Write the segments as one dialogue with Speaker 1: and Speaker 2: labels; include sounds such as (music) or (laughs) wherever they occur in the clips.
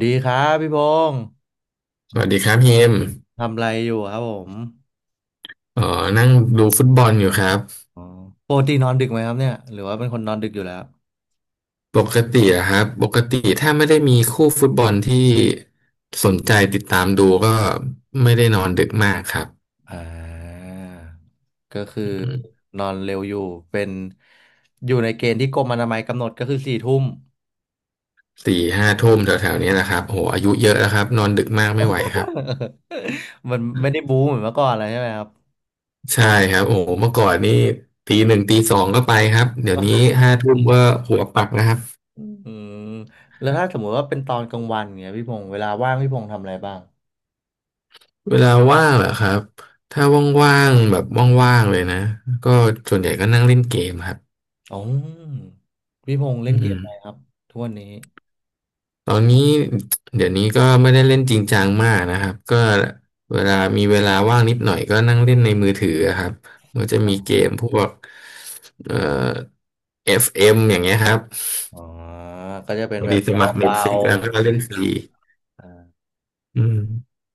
Speaker 1: ดีครับพี่พงษ์
Speaker 2: สวัสดีครับเฮม
Speaker 1: ทำอะไรอยู่ครับผม
Speaker 2: เอ๋อนั่งดูฟุตบอลอยู่ครับ
Speaker 1: อ๋อปกตินอนดึกไหมครับเนี่ยหรือว่าเป็นคนนอนดึกอยู่แล้ว
Speaker 2: ปกติอะครับปกติถ้าไม่ได้มีคู่ฟุตบอลที่สนใจติดตามดูก็ไม่ได้นอนดึกมากครับ
Speaker 1: อ่าก็คือ
Speaker 2: อืม
Speaker 1: นอนเร็วอยู่เป็นอยู่ในเกณฑ์ที่กรมอนามัยกำหนดก็คือสี่ทุ่ม
Speaker 2: 4-5 ทุ่มแถวๆนี้นะครับโอ้โหอายุเยอะแล้วครับนอนดึกมากไม่ไหวครับ
Speaker 1: (laughs) มันไม่ได้บู๊เหมือนเมื่อก่อนแล้วใช่ไหมครับ
Speaker 2: ใช่ครับโอ้โหเมื่อก่อนนี่ตี 1ตี 2ก็ไปครับเดี๋ยวนี้ห้าทุ่มก็หัวปักนะครับ
Speaker 1: อืมแล้วถ้าสมมติว่าเป็นตอนกลางวันเนี่ยพี่พงษ์เวลาว่างพี่พงษ์ทำอะไรบ้าง
Speaker 2: เวลาว่างเหรอครับถ้าว่างๆแบบว่างๆเลยนะก็ส่วนใหญ่ก็นั่งเล่นเกมครับ
Speaker 1: อ๋อพี่พงษ์เล่
Speaker 2: อื
Speaker 1: นเกม
Speaker 2: ม
Speaker 1: อะไรครับทุกวันนี้
Speaker 2: ตอนนี้เดี๋ยวนี้ก็ไม่ได้เล่นจริงจังมากนะครับก็เวลามีเวลาว่างนิดหน่อยก็นั่งเล่นในมือถือครับมันจะ
Speaker 1: อ๋อ
Speaker 2: มีเกมพวกเอ่อ FM อฟเอ็มอย่างเงี้ยครับ
Speaker 1: อ๋อก็จะเป็น
Speaker 2: พอ
Speaker 1: แบ
Speaker 2: ดี
Speaker 1: บ
Speaker 2: สมัคร
Speaker 1: เบา
Speaker 2: Netflix แล้วก็เล่
Speaker 1: ๆ
Speaker 2: นฟรี
Speaker 1: อ่า
Speaker 2: อืม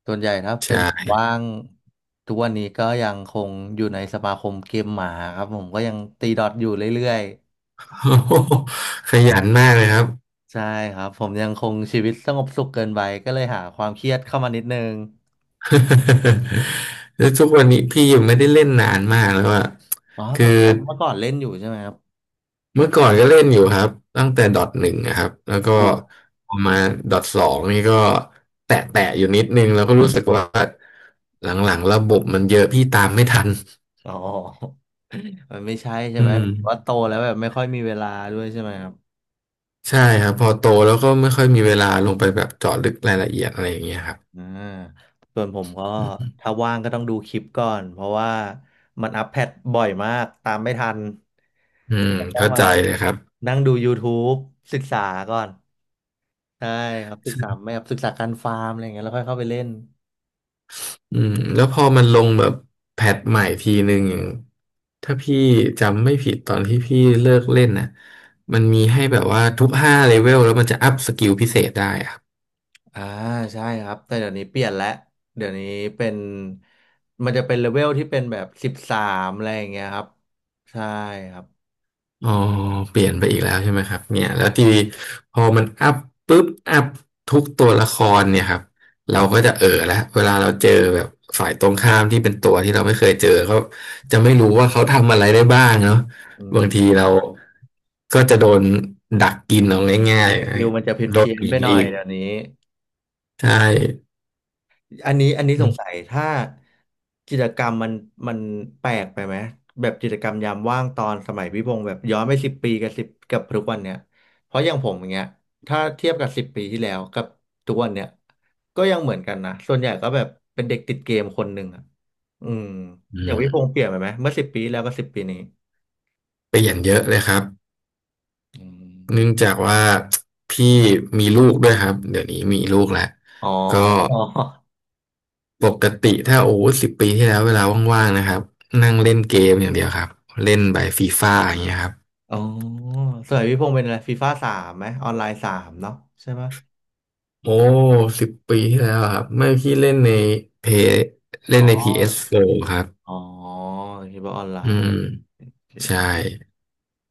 Speaker 1: ส่วนใหญ่ถ้า
Speaker 2: ใช
Speaker 1: เป็นผมว่า
Speaker 2: ่
Speaker 1: งทุกวันนี้ก็ยังคงอยู่ในสมาคมเกมหมาครับผมก็ยังตีดอทอยู่เรื่อย
Speaker 2: (laughs) โอ้โหขยันมากเลยครับ
Speaker 1: ๆใช่ครับผมยังคงชีวิตสงบสุขเกินไปก็เลยหาความเครียดเข้ามานิดนึง
Speaker 2: (laughs) แล้วทุกวันนี้พี่ยังไม่ได้เล่นนานมากแล้วอะ
Speaker 1: อ๋อ
Speaker 2: คือ
Speaker 1: เมื่อก่อนเล่นอยู่ใช่ไหมครับ
Speaker 2: เมื่อก่อนก็เล่นอยู่ครับตั้งแต่ดอทหนึ่งนะครับแล้วก็
Speaker 1: อู
Speaker 2: พอมาดอทสองนี่ก็แตะแตะอยู่นิดนึงแล้วก็รู้สึกว่าหลังๆระบบมันเยอะพี่ตามไม่ทัน
Speaker 1: อ๋อ (laughs) มันไม่ใช่ใช่
Speaker 2: อื
Speaker 1: ไหม
Speaker 2: ม
Speaker 1: ว่าโตแล้วแบบไม่ค่อยมีเวลาด้วยใช่ไหมครับ
Speaker 2: ใช่ครับพอโตแล้วก็ไม่ค่อยมีเวลาลงไปแบบเจาะลึกรายละเอียดอะไรอย่างเงี้ยครับ
Speaker 1: อ่าส่วนผมก็
Speaker 2: อืม
Speaker 1: ถ้าว่างก็ต้องดูคลิปก่อนเพราะว่ามันอัปเดตบ่อยมากตามไม่ทัน
Speaker 2: อืม
Speaker 1: ต้อง
Speaker 2: เข้า
Speaker 1: มา
Speaker 2: ใจเลยครับ
Speaker 1: นั่งดู YouTube ศึกษาก่อนใช่ครับศึกษาไม่ครับศึกษาการฟาร์มอะไรอย่างเงี้ยแล้วค่อยเข้าไปเล่น
Speaker 2: อืมแล้วพอมันลงแบบแพทใหม่ทีหนึ่งอย่างถ้าพี่จำไม่ผิดตอนที่พี่เลิกเล่นนะมันมีให้แบบว่าทุก5 เลเวลแล้วมันจะอัพสกิลพิเศษได้อะ
Speaker 1: อ่าใช่ครับแต่เดี๋ยวนี้เปลี่ยนแล้วเดี๋ยวนี้เป็นมันจะเป็นเลเวลที่เป็นแบบสิบสามอะไรอย่างเงี้ยครับใช่ครับ
Speaker 2: อ๋อเปลี่ยนไปอีกแล้วใช่ไหมครับเนี่ยแล้วทีนี้พอมันอัพปุ๊บอัพทุกตัวละครเนี่ยครับเราก็จะเออแล้วเวลาเราเจอแบบฝ่ายตรงข้ามที่เป็นตัวที่เราไม่เคยเจอเขาจะไม่รู้ว่าเขาทำอะไรได้บ้างเนาะ
Speaker 1: อื
Speaker 2: บางที
Speaker 1: ม
Speaker 2: เราก็จะโดนดักกินเอาง่าย
Speaker 1: สกิลมันจะเ
Speaker 2: ๆโดน
Speaker 1: พี้ยน
Speaker 2: บี
Speaker 1: ๆไป
Speaker 2: บ
Speaker 1: หน่อ
Speaker 2: อี
Speaker 1: ย
Speaker 2: ก
Speaker 1: เดี๋ยวนี้
Speaker 2: ใช่
Speaker 1: อันนี้อันนี้
Speaker 2: อื
Speaker 1: สงสัย
Speaker 2: ม
Speaker 1: ถ้ากิจกรรมมันแปลกไปไหมแบบกิจกรรมยามว่างตอนสมัยพี่พงศ์แบบย้อนไปสิบปีกับสิบกับทุกวันเนี้ยเพราะอย่างผมอย่างเงี้ยถ้าเทียบกับสิบปีที่แล้วกับทุกวันเนี้ยก็ยังเหมือนกันนะส่วนใหญ่ก็แบบเป็นเด็กติดเกมคนหนึ่งอ่ะอืม
Speaker 2: อื
Speaker 1: อย่างพี่พงศ์
Speaker 2: ม
Speaker 1: เปลี่ยนไปไหมเมื่อสิบปีแล้วกบสิบปีนี้
Speaker 2: เปลี่ยนเยอะเลยครับ
Speaker 1: อืม
Speaker 2: เนื่องจากว่าพี่มีลูกด้วยครับเดี๋ยวนี้มีลูกแล้ว
Speaker 1: อ๋อ
Speaker 2: ก็
Speaker 1: อ๋อ
Speaker 2: ปกติถ้าโอ้10 ปีที่แล้วเวลาว่างๆนะครับนั่งเล่นเกมอย่างเดียวครับเล่นใบบฟีฟ่าอย่างเงี้ยครับ
Speaker 1: อ๋อสมัยพี่พงศ์เป็นอะไรฟีฟ่าสามไหมออนไลน์สามเนาะใช่ไหม
Speaker 2: โอ้สิบปีที่แล้วอะครับไม่พี่เล่นในเพเล่
Speaker 1: อ๋
Speaker 2: น
Speaker 1: อ
Speaker 2: ใน PS4 ครับ
Speaker 1: อ๋อคิดว่าออนไล
Speaker 2: อื
Speaker 1: น์
Speaker 2: ม
Speaker 1: โอเค
Speaker 2: ใช่
Speaker 1: (laughs)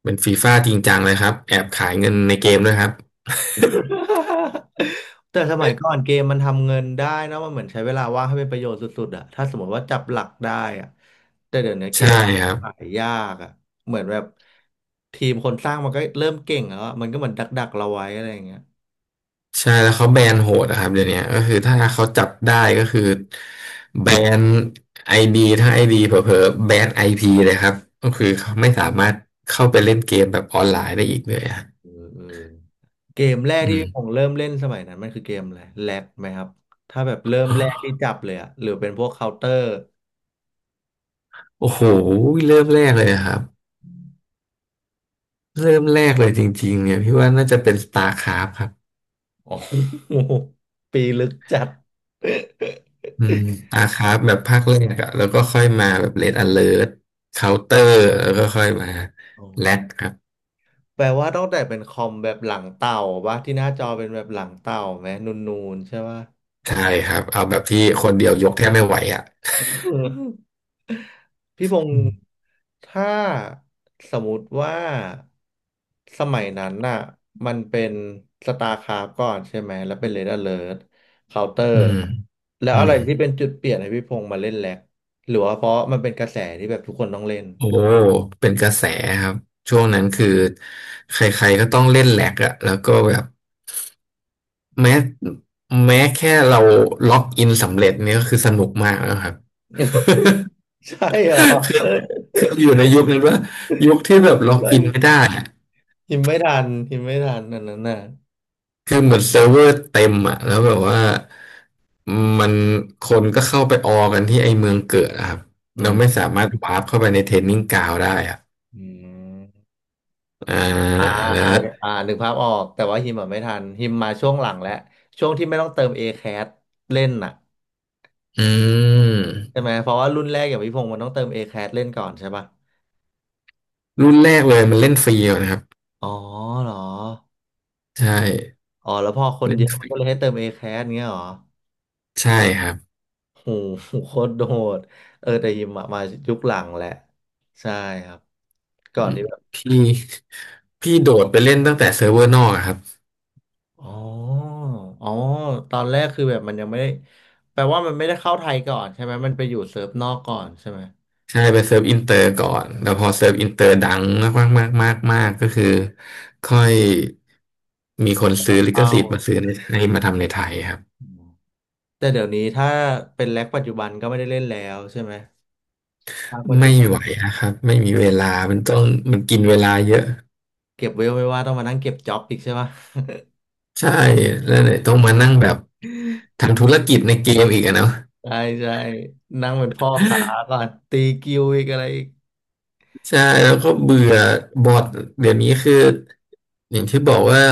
Speaker 2: เป็นฟีฟ่าจริงจังเลยครับแอบขายเงินในเกมด้วยครับ
Speaker 1: แต่สมัยก่อนเกมมันทำเงินได้นะมันเหมือนใช้เวลาว่างให้เป็นประโยชน์สุดๆอะถ้าสมมติว่าจับหลักได้อะแต่เดี๋ยวนี้เก
Speaker 2: ใช่
Speaker 1: ม
Speaker 2: ครับ
Speaker 1: ขายยากอะเหมือนแบบทีมคนสร้างมันก็เริ่มเก่งแล้วอะมันก็เหมือนดักๆเราไว้อะไรอย่างเงี้ย
Speaker 2: ใช่แล้วเขาแบนโหดอะครับเดี๋ยวนี้ก็คือถ้าเขาจับได้ก็คือแบนไอดีถ้าไอดีเผลอๆแบนไอพีเลยครับก็คือเขาไม่สามารถเข้าไปเล่นเกมแบบออนไลน์ได้อีกเลยอะ
Speaker 1: เออเออเกมแรก
Speaker 2: อื
Speaker 1: ที่ผม
Speaker 2: ม
Speaker 1: เริ่มเล่นสมัยนั้นมันคือเกมอะไรแล็กไหมครับถ้าแบบเริ่มแรกที่จับเลยอะหรือเป็นพวกเคาน์เตอร์
Speaker 2: โอ้โหเริ่มแรกเลยอะครับเริ่มแรกเลยจริงๆเนี่ยพี่ว่าน่าจะเป็น StarCraft ครับ
Speaker 1: ออ (laughs) ปีลึกจัด (laughs)
Speaker 2: อืม StarCraft แบบภาคแรกอะแล้วก็ค่อยมาแบบ Red Alert Counter แล้วก็ค่อยมา
Speaker 1: อ
Speaker 2: Lat
Speaker 1: อ
Speaker 2: ครับ
Speaker 1: แปลว่าต้องแต่เป็นคอมแบบหลังเต่าปะที่หน้าจอเป็นแบบหลังเต่าไหมนูนๆใช่ปะ
Speaker 2: ใช่ครับเอาแบบที่คนเดียวยกแทบไม่ไหวอะ
Speaker 1: (laughs) พี่พงศ์ถ้าสมมติว่าสมัยนั้นน่ะมันเป็นสตาร์คราฟก่อนใช่ไหมแล้วเป็นเรด a เ e ิร์เคาน์เตอ
Speaker 2: อื
Speaker 1: ร์
Speaker 2: ม
Speaker 1: แล้ว
Speaker 2: อื
Speaker 1: อะไร
Speaker 2: ม
Speaker 1: ที่เป็นจุดเปลี่ยนให้พี่พงศ์มาเล่นแล็กหรือว่าเพราะมันเป็นกระแสที่แบบทุกคนต้องเล่น
Speaker 2: โอ้เป็นกระแสครับช่วงนั้นคือใครๆก็ต้องเล่นแหลกอะแล้วก็แบบแม้แม้แค่เราล็อกอินสำเร็จเนี่ยก็คือสนุกมากแล้วครับ (laughs)
Speaker 1: (laughs) ใช่เหรอ
Speaker 2: คือ
Speaker 1: เอ้ย
Speaker 2: คืออยู่ในยุคนั้นว่ายุคที่แบบล็อกอินไม่ได้อะ
Speaker 1: หิมไม่ทันหิมไม่ทันอันนั้นน่ะ
Speaker 2: คือเหมือนเซิร์ฟเวอร์เต็มอะแล้วแบบว่ามันคนก็เข้าไปออกันที่ไอเมืองเกิดอะครับ
Speaker 1: อื
Speaker 2: เรา
Speaker 1: ม
Speaker 2: ไม่สามารถวาร์ปเข้าไปในเทรนนิ่งกราวด์ได้อะ
Speaker 1: อืม
Speaker 2: อ่า
Speaker 1: อ่า
Speaker 2: แล้
Speaker 1: อ่า
Speaker 2: ว
Speaker 1: อ่านึกภาพออกแต่ว่าฮิมอ่ะไม่ทันฮิมมาช่วงหลังแล้วช่วงที่ไม่ต้องเติม a แค t เล่นน่ะ
Speaker 2: อื
Speaker 1: ใช่
Speaker 2: ม
Speaker 1: ไหมเพราะว่ารุ่นแรกอย่างพี่พงศ์มันต้องเติม a แค t เล่นก่อนใช่ป่ะ
Speaker 2: รุ่นแรกเลยมันเล่นฟรีนะครับ
Speaker 1: อ๋อเหรอ
Speaker 2: ใช่
Speaker 1: อ๋อแล้วพอคน
Speaker 2: เล่
Speaker 1: เย
Speaker 2: น
Speaker 1: อะ
Speaker 2: ฟ
Speaker 1: มัน
Speaker 2: รี
Speaker 1: ก็เลยให้เติม A-CAT เงี้ยเหรอ
Speaker 2: ใช่ครับ
Speaker 1: โหโคตรโดดเออแต่ฮิมอะมายุคหลังแหละใช่ครับก่
Speaker 2: อื
Speaker 1: อน
Speaker 2: ม
Speaker 1: ที่แบบ
Speaker 2: พี่พี่โดดไปเล่นตั้งแต่เซิร์ฟเวอร์นอกอะครับ
Speaker 1: อ๋ออ๋อตอนแรกคือแบบมันยังไม่ได้แปลว่ามันไม่ได้เข้าไทยก่อนใช่ไหมมันไปอยู่เซิร์ฟนอกก่อนใช่ไหม
Speaker 2: ใช่ไปเซิร์ฟอินเตอร์ก่อนแล้วพอเซิร์ฟอินเตอร์ดังมากมากมากมากก็คือค่อยมีค
Speaker 1: มี
Speaker 2: น
Speaker 1: คนอ
Speaker 2: ซื้
Speaker 1: อ
Speaker 2: อ
Speaker 1: ก
Speaker 2: ลิข
Speaker 1: เข้า
Speaker 2: สิทธิ์มาซื้อในไทยมาทำในไทยครับ
Speaker 1: อืมแต่เดี๋ยวนี้ถ้าเป็นแร็กปัจจุบันก็ไม่ได้เล่นแล้วใช่ไหมภาคปัจจุ
Speaker 2: ไม่
Speaker 1: บัน
Speaker 2: ไหวนะครับไม่มีเวลามันต้องมันกินเวลาเยอะ
Speaker 1: เก็บเวลไม่ว่าต้องมานั่งเก็บจ็อบอีกใช่ปะ
Speaker 2: ใช่แล้วเนี่ยต้องมานั่งแบบทำธุรกิจในเกมอีกอะเนาะ
Speaker 1: ใช่ใช่นั่งเป็นพ่อค้าก่อนตีกิวอีกอะไรอีก
Speaker 2: ใช่แล้วก็เบื่อบอทเดี๋ยวนี้คืออย่างที่บอกว่า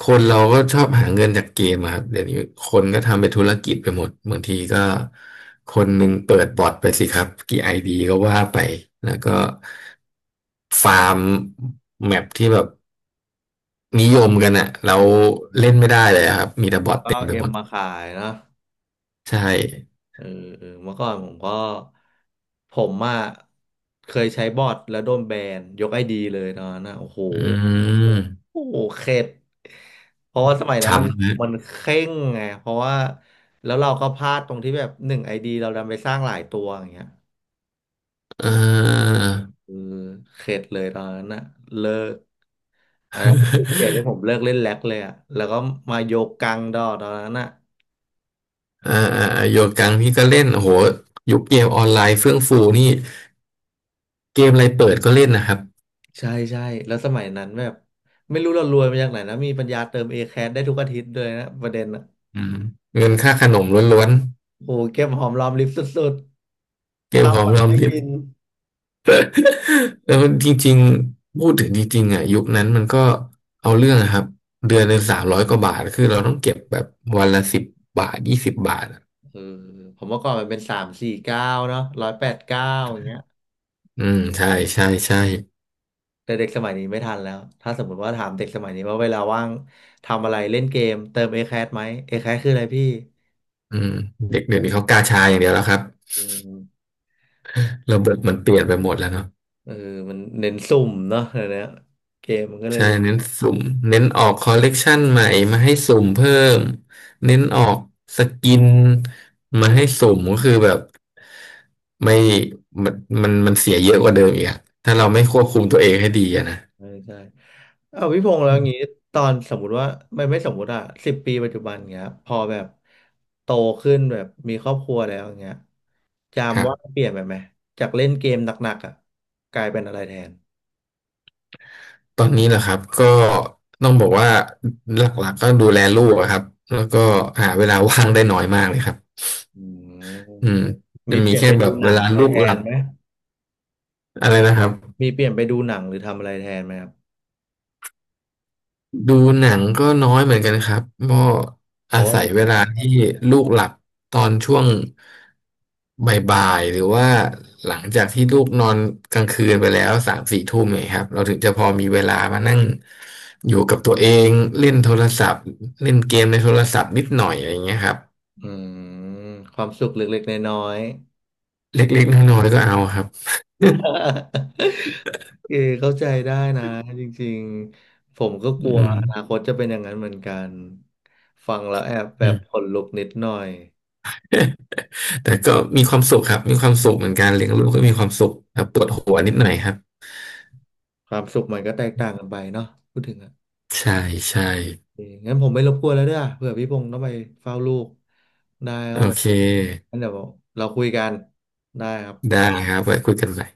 Speaker 2: คนเราก็ชอบหาเงินจากเกมอะครับเดี๋ยวนี้คนก็ทำเป็นธุรกิจไปหมดบางทีก็คนหนึ่งเปิดบอทไปสิครับกี่ไอดีก็ว่าไปแล้วก็ฟาร์มแมปที่แบบนิยมกันอะเรา
Speaker 1: อื
Speaker 2: เล่น
Speaker 1: ม
Speaker 2: ไม่ได้เลยอะครับมีแต่บอท
Speaker 1: ก็
Speaker 2: เต็
Speaker 1: เอา
Speaker 2: มไป
Speaker 1: เอ็
Speaker 2: หม
Speaker 1: ม
Speaker 2: ด
Speaker 1: มาขายเนอะ
Speaker 2: ใช่
Speaker 1: เออเออเมื่อก่อนผมก็ผมอ่ะเคยใช้บอทแล้วโดนแบนยกไอดีเลยตอนนั้นนะโอ้โห
Speaker 2: อืม
Speaker 1: โอ้โหเข็ดเพราะว่าสมัยนั้นมัน
Speaker 2: ช้ำนะ
Speaker 1: มันเคร่งไงเพราะว่าแล้วเราก็พลาดตรงที่แบบหนึ่งไอดีเราดันไปสร้างหลายตัวอย่างเงี้ย
Speaker 2: เออ
Speaker 1: เออเข็ดเลยตอนนั้นนะเลิกอันนั้นคือเดี๋ยวที่ผมเลิกเล่นแล็กเลยอะแล้วก็มาโยกกังดอตอนนั้นอะ
Speaker 2: อ่าอ่าอ่าโยกังพี่ก็เล่นโอ้โหยุคเกมออนไลน์เฟื่องฟูนี่เกมอะไรเปิดก็เล่นนะครับ
Speaker 1: ใช่ใช่แล้วสมัยนั้นแบบไม่รู้เรารวยมาจากไหนนะมีปัญญาเติมเอแคสได้ทุกอาทิตย์เลยนะประเด็นอะ
Speaker 2: อืมเงินค่าขนมล้วน
Speaker 1: โอ้โหเก็บหอมรอมริบสุด
Speaker 2: ๆเก
Speaker 1: ๆ
Speaker 2: ม
Speaker 1: ข้าว
Speaker 2: หอม
Speaker 1: ปั
Speaker 2: ร
Speaker 1: ง
Speaker 2: อม
Speaker 1: ไม่
Speaker 2: ริบ
Speaker 1: กิน
Speaker 2: (laughs) แล้วนจริงๆพูดถึงจริงๆอ่ะยุคนั้นมันก็เอาเรื่องอะครับ1 เดือน300 กว่าบาทคือเราต้องเก็บแบบวันละสิบบาท20 บาทอะ
Speaker 1: เออผมเมื่อก่อนมันเป็นสามสี่เก้าเนาะร้อยแปดเก้าอย่างเงี้ย
Speaker 2: อืมใช่ใช่ใช่
Speaker 1: แต่เด็กสมัยนี้ไม่ทันแล้วถ้าสมมติว่าถามเด็กสมัยนี้ว่าเวลาว่างทำอะไรเล่นเกมเติมเอแคสไหมเอแคสคืออะไรพี่
Speaker 2: อืมเด็กเดี๋ยวนี้เขากาชาอย่างเดียวแล้วครับ
Speaker 1: อืม
Speaker 2: ระบบมันเปลี่ยนไปหมดแล้วเนาะ
Speaker 1: เออมันเน้นสุ่มเนาะเดี๋ยวนี้เกมมันก็เลย
Speaker 2: ใช่
Speaker 1: แบบ
Speaker 2: เน้นสุ่มเน้นออกคอลเลกชันใหม่มาให้สุ่มเพิ่มเน้นออกสกินมาให้สุ่มก็คือแบบไม่มันมันมันเสียเยอะกว่าเดิมอีกอะถ้าเราไม่ควบคุมตัวเองให้ดีอะนะ
Speaker 1: ใช่ใช่เอาพี่พงษ์แล้ว
Speaker 2: อื
Speaker 1: อย่างงี้
Speaker 2: ม
Speaker 1: ตอนสมมุติว่าไม่สมมุติอะสิบปีปัจจุบันเงี้ยพอแบบโตขึ้นแบบมีครอบครัวแล้วอย่างเงี้ยจาม
Speaker 2: ครั
Speaker 1: ว่าง
Speaker 2: บ
Speaker 1: เปลี่ยนไปไหมจากเล่นเกมหนักๆอะกลายเป็นอะไรแทน
Speaker 2: ตอนนี้เหรอครับก็ต้องบอกว่าหลักๆก็ดูแลลูกอะครับแล้วก็หาเวลาว่างได้น้อยมากเลยครับ
Speaker 1: อืม
Speaker 2: อืมจะ
Speaker 1: มีเป
Speaker 2: มี
Speaker 1: ลี่ยน
Speaker 2: แค่
Speaker 1: ไป
Speaker 2: แบ
Speaker 1: ดู
Speaker 2: บ
Speaker 1: ห
Speaker 2: เว
Speaker 1: นัง
Speaker 2: ลา
Speaker 1: อะไร
Speaker 2: ลูก
Speaker 1: แท
Speaker 2: หลั
Speaker 1: น
Speaker 2: บ
Speaker 1: ไหม
Speaker 2: อะไรนะครับ
Speaker 1: มีเปลี่ยนไปดูหนังหรือทำอะไรแทนไหมครับ
Speaker 2: ดูหนังก็น้อยเหมือนกันครับก็
Speaker 1: เพ
Speaker 2: อา
Speaker 1: ราะว่า
Speaker 2: ศัย
Speaker 1: เดี๋ยว
Speaker 2: เว
Speaker 1: เสียบ
Speaker 2: ลาที่ลูกหลับตอนช่วงบ่ายๆหรือว่าหลังจากที่ลูกนอนกลางคืนไปแล้ว3-4 ทุ่มเนี่ยครับเราถึงจะพอมีเวลามานั่งอยู่กับตัวเองเล่นโทรศัพท์เล่นเกมในโทรศัพท์นิดหน่อยอะไรอย่างเงี้ยครับ
Speaker 1: อืมความสุขเล็กๆน้อย
Speaker 2: เล็กๆน้อยๆก็เอาครับ
Speaker 1: ๆ (laughs) เออเข้าใจได้นะจริงๆผมก็ก
Speaker 2: (laughs) อื
Speaker 1: ลัว
Speaker 2: ม
Speaker 1: อนาคตจะเป็นอย่างนั้นเหมือนกันฟังแล้วแอบแบ
Speaker 2: อื
Speaker 1: บข
Speaker 2: ม
Speaker 1: นลุกนิดหน่อย
Speaker 2: แต่ก็มีความสุขครับมีความสุขเหมือนกันเลี้ยงลูกก็มีความสุขครับปวดหัวนิดหน่อยครับ
Speaker 1: ความสุขมันก็แตกต่างกันไปเนาะพูดถึงอ่ะ
Speaker 2: ใช่ใช่
Speaker 1: โอเคงั้นผมไม่รบกวนแล้วเด้อเผื่อพี่พงษ์ต้องไปเฝ้าลูกได้ค
Speaker 2: โอ
Speaker 1: รับผม
Speaker 2: เค
Speaker 1: งั้นเดี๋ยวเราคุยกันได้ครับ
Speaker 2: ได้ครับไว้คุยกันใหม่